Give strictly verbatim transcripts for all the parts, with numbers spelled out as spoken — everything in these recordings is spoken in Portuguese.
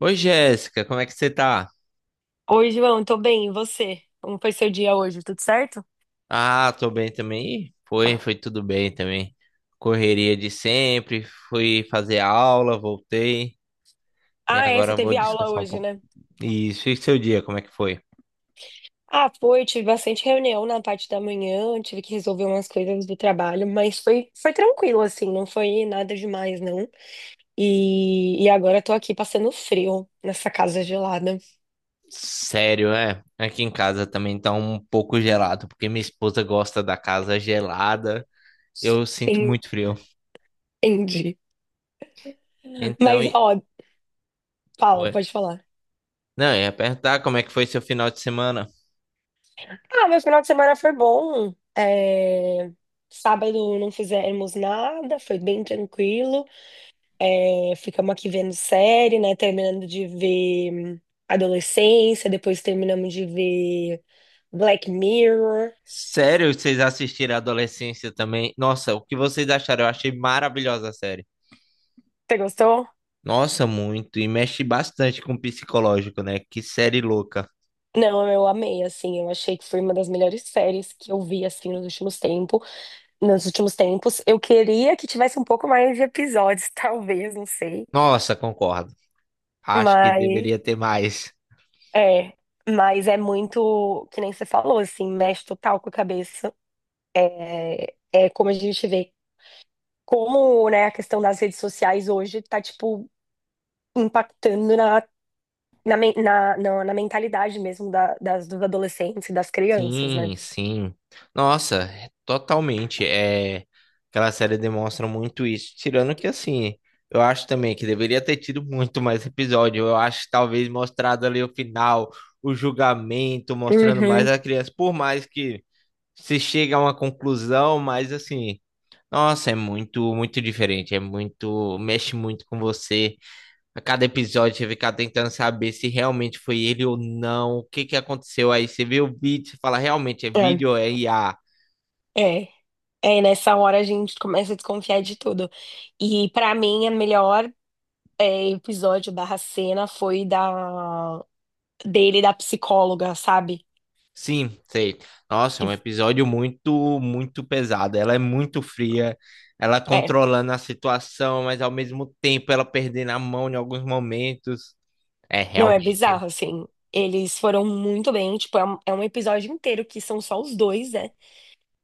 Oi, Jéssica, como é que você tá? Oi, João, tô bem, e você? Como foi seu dia hoje? Tudo certo? Ah, tô bem também. Ih, Foi, foi tudo bem também. Correria de sempre, fui fazer aula, voltei e Ah, é, você agora vou teve aula descansar um hoje, pouco. né? Isso, e seu dia, como é que foi? Ah, foi, tive bastante reunião na parte da manhã, tive que resolver umas coisas do trabalho, mas foi, foi tranquilo, assim, não foi nada demais, não. E, e agora tô aqui passando frio nessa casa gelada. Sério, é? Aqui em casa também tá um pouco gelado, porque minha esposa gosta da casa gelada. Eu sinto En- muito frio. Entendi. Então, Mas, e... ó, fala, Oi. pode falar. Não, eu ia perguntar como é que foi seu final de semana? Ah, meu final de semana foi bom. É, sábado não fizemos nada, foi bem tranquilo. É, ficamos aqui vendo série, né? Terminando de ver hum, Adolescência, depois terminamos de ver Black Mirror. Sério, vocês assistiram a Adolescência também? Nossa, o que vocês acharam? Eu achei maravilhosa a série. Você gostou? Nossa, muito. E mexe bastante com o psicológico, né? Que série louca. Não, eu amei, assim, eu achei que foi uma das melhores séries que eu vi, assim, nos últimos tempos. Nos últimos tempos, eu queria que tivesse um pouco mais de episódios, talvez, não sei, Nossa, concordo. Acho que mas deveria ter mais. é, mas é muito, que nem você falou, assim, mexe total com a cabeça. É, é como a gente vê. Como, né, a questão das redes sociais hoje tá, tipo, impactando na, na, men- na, na, na mentalidade mesmo da- das, dos adolescentes e das crianças, né? Sim, sim. Nossa, totalmente. É, aquela série demonstra muito isso. Tirando que, assim, eu acho também que deveria ter tido muito mais episódio. Eu acho que talvez mostrado ali o final, o julgamento, mostrando mais Uhum. a criança. Por mais que se chega a uma conclusão, mas assim, nossa, é muito, muito diferente, é muito, mexe muito com você. A cada episódio você fica tentando saber se realmente foi ele ou não, o que que aconteceu aí, você vê o vídeo, você fala, realmente é É, vídeo ou é I A? é. É, nessa hora a gente começa a desconfiar de tudo. E pra mim, a melhor é, episódio barra cena foi da dele e da psicóloga, sabe? Sim, sei. Nossa, é Que, um episódio muito, muito pesado. Ela é muito fria, ela é, controlando a situação, mas ao mesmo tempo ela perdendo a mão em alguns momentos. É, não, é realmente. bizarro, assim. Eles foram muito bem, tipo, é um, é um episódio inteiro que são só os dois, né?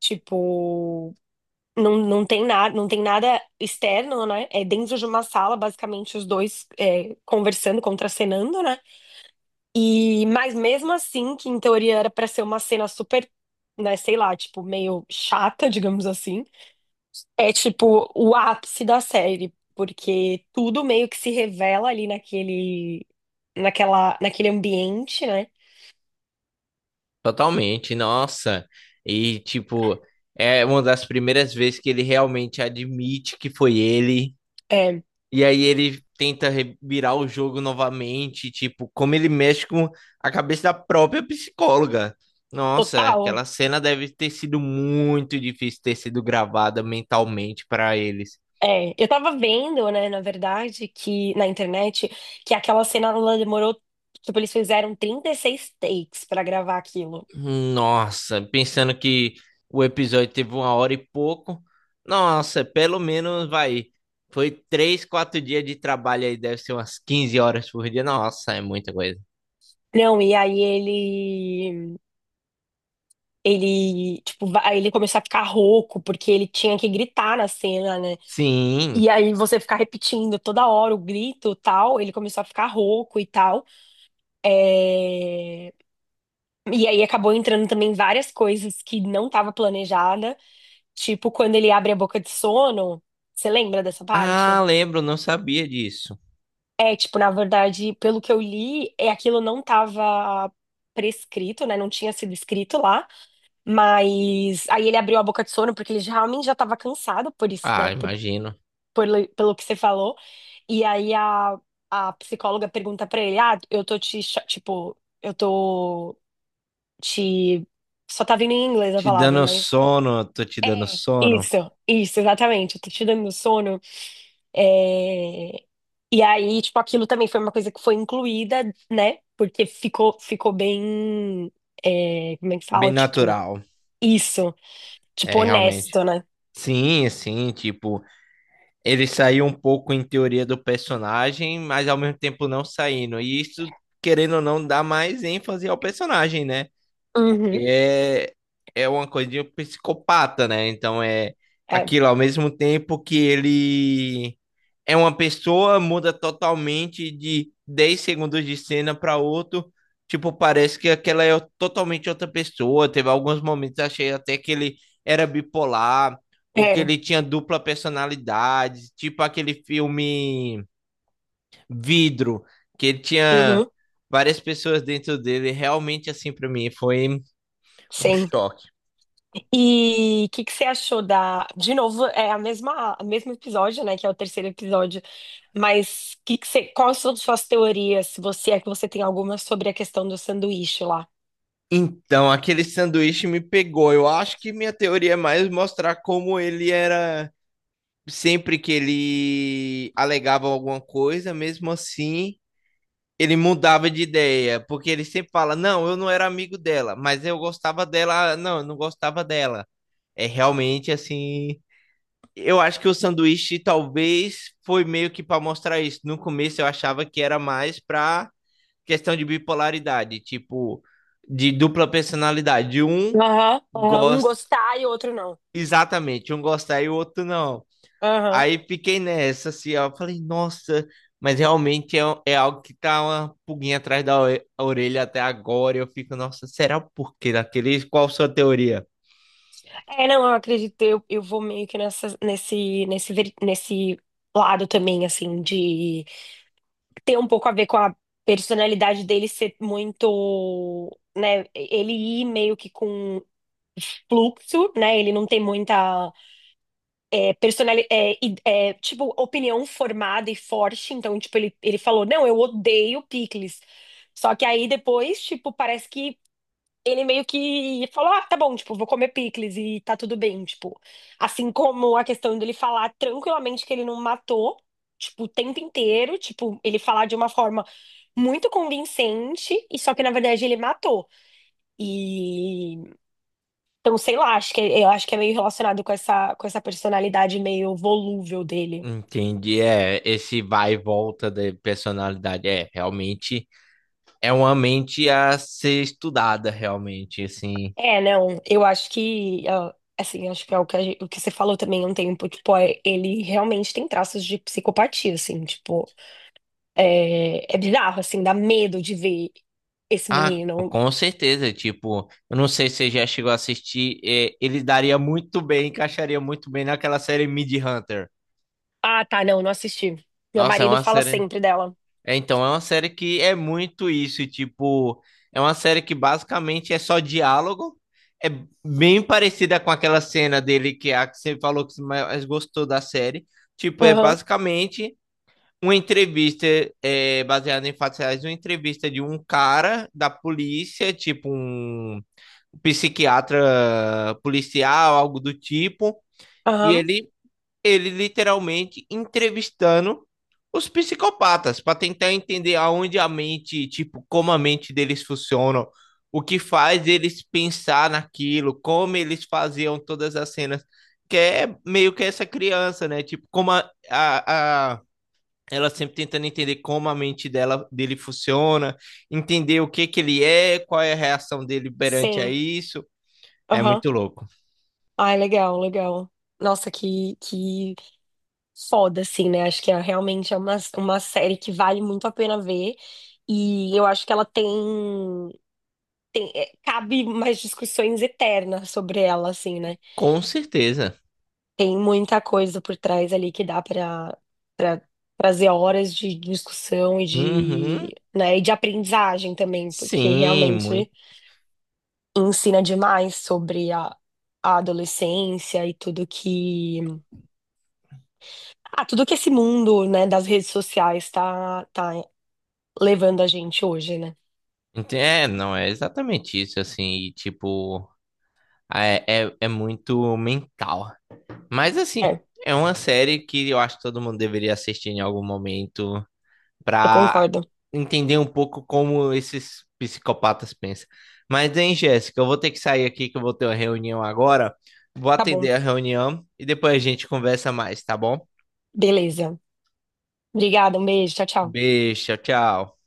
Tipo, não, não tem nada, não tem nada externo, né? É dentro de uma sala, basicamente, os dois é, conversando, contracenando, né? E, mas mesmo assim, que em teoria era pra ser uma cena super, né, sei lá, tipo, meio chata, digamos assim, é tipo o ápice da série, porque tudo meio que se revela ali naquele, naquela, naquele ambiente, né? Totalmente, nossa. E, tipo, é uma das primeiras vezes que ele realmente admite que foi ele. É, E aí ele tenta re- virar o jogo novamente, tipo, como ele mexe com a cabeça da própria psicóloga. Nossa, total. aquela cena deve ter sido muito difícil ter sido gravada mentalmente para eles. É, eu tava vendo, né, na verdade, que na internet, que aquela cena ela demorou, tipo, eles fizeram trinta e seis takes pra gravar aquilo. Nossa, pensando que o episódio teve uma hora e pouco. Nossa, pelo menos vai. Foi três, quatro dias de trabalho aí, deve ser umas quinze horas por dia. Nossa, é muita coisa. Não, e aí ele ele, tipo, va- aí ele começou a ficar rouco porque ele tinha que gritar na cena, né? Sim. E aí você ficar repetindo toda hora o grito, tal, ele começou a ficar rouco e tal. É, e aí acabou entrando também várias coisas que não tava planejada. Tipo, quando ele abre a boca de sono, você lembra dessa Ah, parte? lembro, não sabia disso. É, tipo, na verdade, pelo que eu li, é aquilo não estava prescrito, né? Não tinha sido escrito lá, mas aí ele abriu a boca de sono porque ele já- realmente já estava cansado por isso, né? Ah, Por, imagino. por- Pelo que você falou. E aí a, a psicóloga pergunta pra ele: "Ah, eu tô te, cha- tipo, eu tô te só tá vindo em inglês a Te palavra, dando mas sono, tô te dando É, sono. isso, isso, exatamente. Eu tô te dando sono. É, e aí, tipo, aquilo também foi uma coisa que foi incluída, né? Porque ficou, ficou bem. É, como é que Bem fala? Tipo, natural. isso. Tipo, É, realmente. honesto, né? Sim, sim, tipo. Ele saiu um pouco em teoria do personagem, mas ao mesmo tempo não saindo. E isso, querendo ou não, dá mais ênfase ao personagem, né? Porque Uhum. é, é uma coisa de um psicopata, né? Então é É, aquilo, ao mesmo tempo que ele é uma pessoa, muda totalmente de dez segundos de cena para outro. Tipo, parece que aquela é totalmente outra pessoa. Teve alguns momentos, achei até que ele era bipolar, ou que é. ele tinha dupla personalidade, tipo aquele filme Vidro, que ele tinha Uhum. várias pessoas dentro dele. Realmente, assim, para mim, foi um Sim. choque. E o que, que você achou da. De novo, é a mesma, o mesmo episódio, né? Que é o terceiro episódio. Mas que que você... quais são suas teorias? Se você é que você tem alguma sobre a questão do sanduíche lá. Então, aquele sanduíche me pegou. Eu acho que minha teoria é mais mostrar como ele era sempre que ele alegava alguma coisa, mesmo assim, ele mudava de ideia, porque ele sempre fala: "Não, eu não era amigo dela, mas eu gostava dela". ah, Não, eu não gostava dela. É realmente assim, eu acho que o sanduíche talvez foi meio que para mostrar isso. No começo eu achava que era mais para questão de bipolaridade, tipo de dupla personalidade. Um Aham, aham. Um gosta gostar e o outro não. exatamente, um gosta e o outro não. Aham. Aí fiquei nessa, assim, ó. Falei, nossa, mas realmente é, é algo que tá uma pulguinha atrás da ore- a orelha até agora. Eu fico, nossa, será o porquê daquele? Qual a sua teoria? É, não, eu acredito, eu, eu vou meio que nessa, nesse, nesse, ver- nesse lado também, assim, de ter um pouco a ver com a personalidade dele ser muito, né, ele ir meio que com fluxo, né, ele não tem muita é, personalidade, é, id- é, tipo, opinião formada e forte, então, tipo, ele, ele falou, não, eu odeio picles. Só que aí depois, tipo, parece que ele meio que falou, ah, tá bom, tipo, vou comer picles e tá tudo bem, tipo, assim como a questão dele falar tranquilamente que ele não matou, tipo, o tempo inteiro, tipo, ele falar de uma forma muito convincente, e só que na verdade ele matou. E então, sei lá, acho que eu acho que é meio relacionado com essa com essa personalidade meio volúvel dele. Entendi, é, esse vai e volta da personalidade, é, realmente é uma mente a ser estudada, realmente, assim. É, não, eu acho que ah, assim, acho que é o que, a gen- o que você falou também há um tempo, tipo, é, ele realmente tem traços de psicopatia, assim, tipo, é, é bizarro, assim, dá medo de ver esse Ah, menino. com certeza, tipo, eu não sei se você já chegou a assistir, é, ele daria muito bem, encaixaria muito bem naquela série Mid Hunter. Ah, tá, não, não assisti. Meu Nossa, é marido uma fala série. sempre dela. É, então, é uma série que é muito isso, e, tipo, é uma série que basicamente é só diálogo. É bem parecida com aquela cena dele que é a que você falou que você mais gostou da série. Tipo, é Aham, basicamente uma entrevista, é, baseada em fatos reais, uma entrevista de um cara da polícia, tipo um psiquiatra policial, algo do tipo, e aham, ele ele literalmente entrevistando os psicopatas para tentar entender aonde a mente, tipo, como a mente deles funciona, o que faz eles pensar naquilo, como eles faziam todas as cenas, que é meio que essa criança, né? Tipo, como a, a, a ela sempre tentando entender como a mente dela dele funciona, entender o que que ele é, qual é a reação dele perante a sim, isso. É aham. muito louco. Ai, legal, legal. Nossa, que, que foda, assim, né? Acho que é, realmente é uma, uma série que vale muito a pena ver. E eu acho que ela tem. É, cabe mais discussões eternas sobre ela, assim, né? Com certeza. Tem muita coisa por trás ali que dá para trazer horas de discussão e Uhum. de, né, e de aprendizagem também, porque Sim, muito. realmente ensina demais sobre a, a adolescência e tudo que, ah, tudo que esse mundo, né, das redes sociais tá, tá levando a gente hoje, né? Ente- É, não, é exatamente isso, assim, e, tipo, é, é, é muito mental. Mas, assim, É, é uma série que eu acho que todo mundo deveria assistir em algum momento eu pra concordo. entender um pouco como esses psicopatas pensam. Mas, hein, Jéssica, eu vou ter que sair aqui que eu vou ter uma reunião agora. Vou Tá bom. atender a reunião e depois a gente conversa mais, tá bom? Beleza. Obrigada, um beijo. Tchau, tchau. Beijo, tchau, tchau.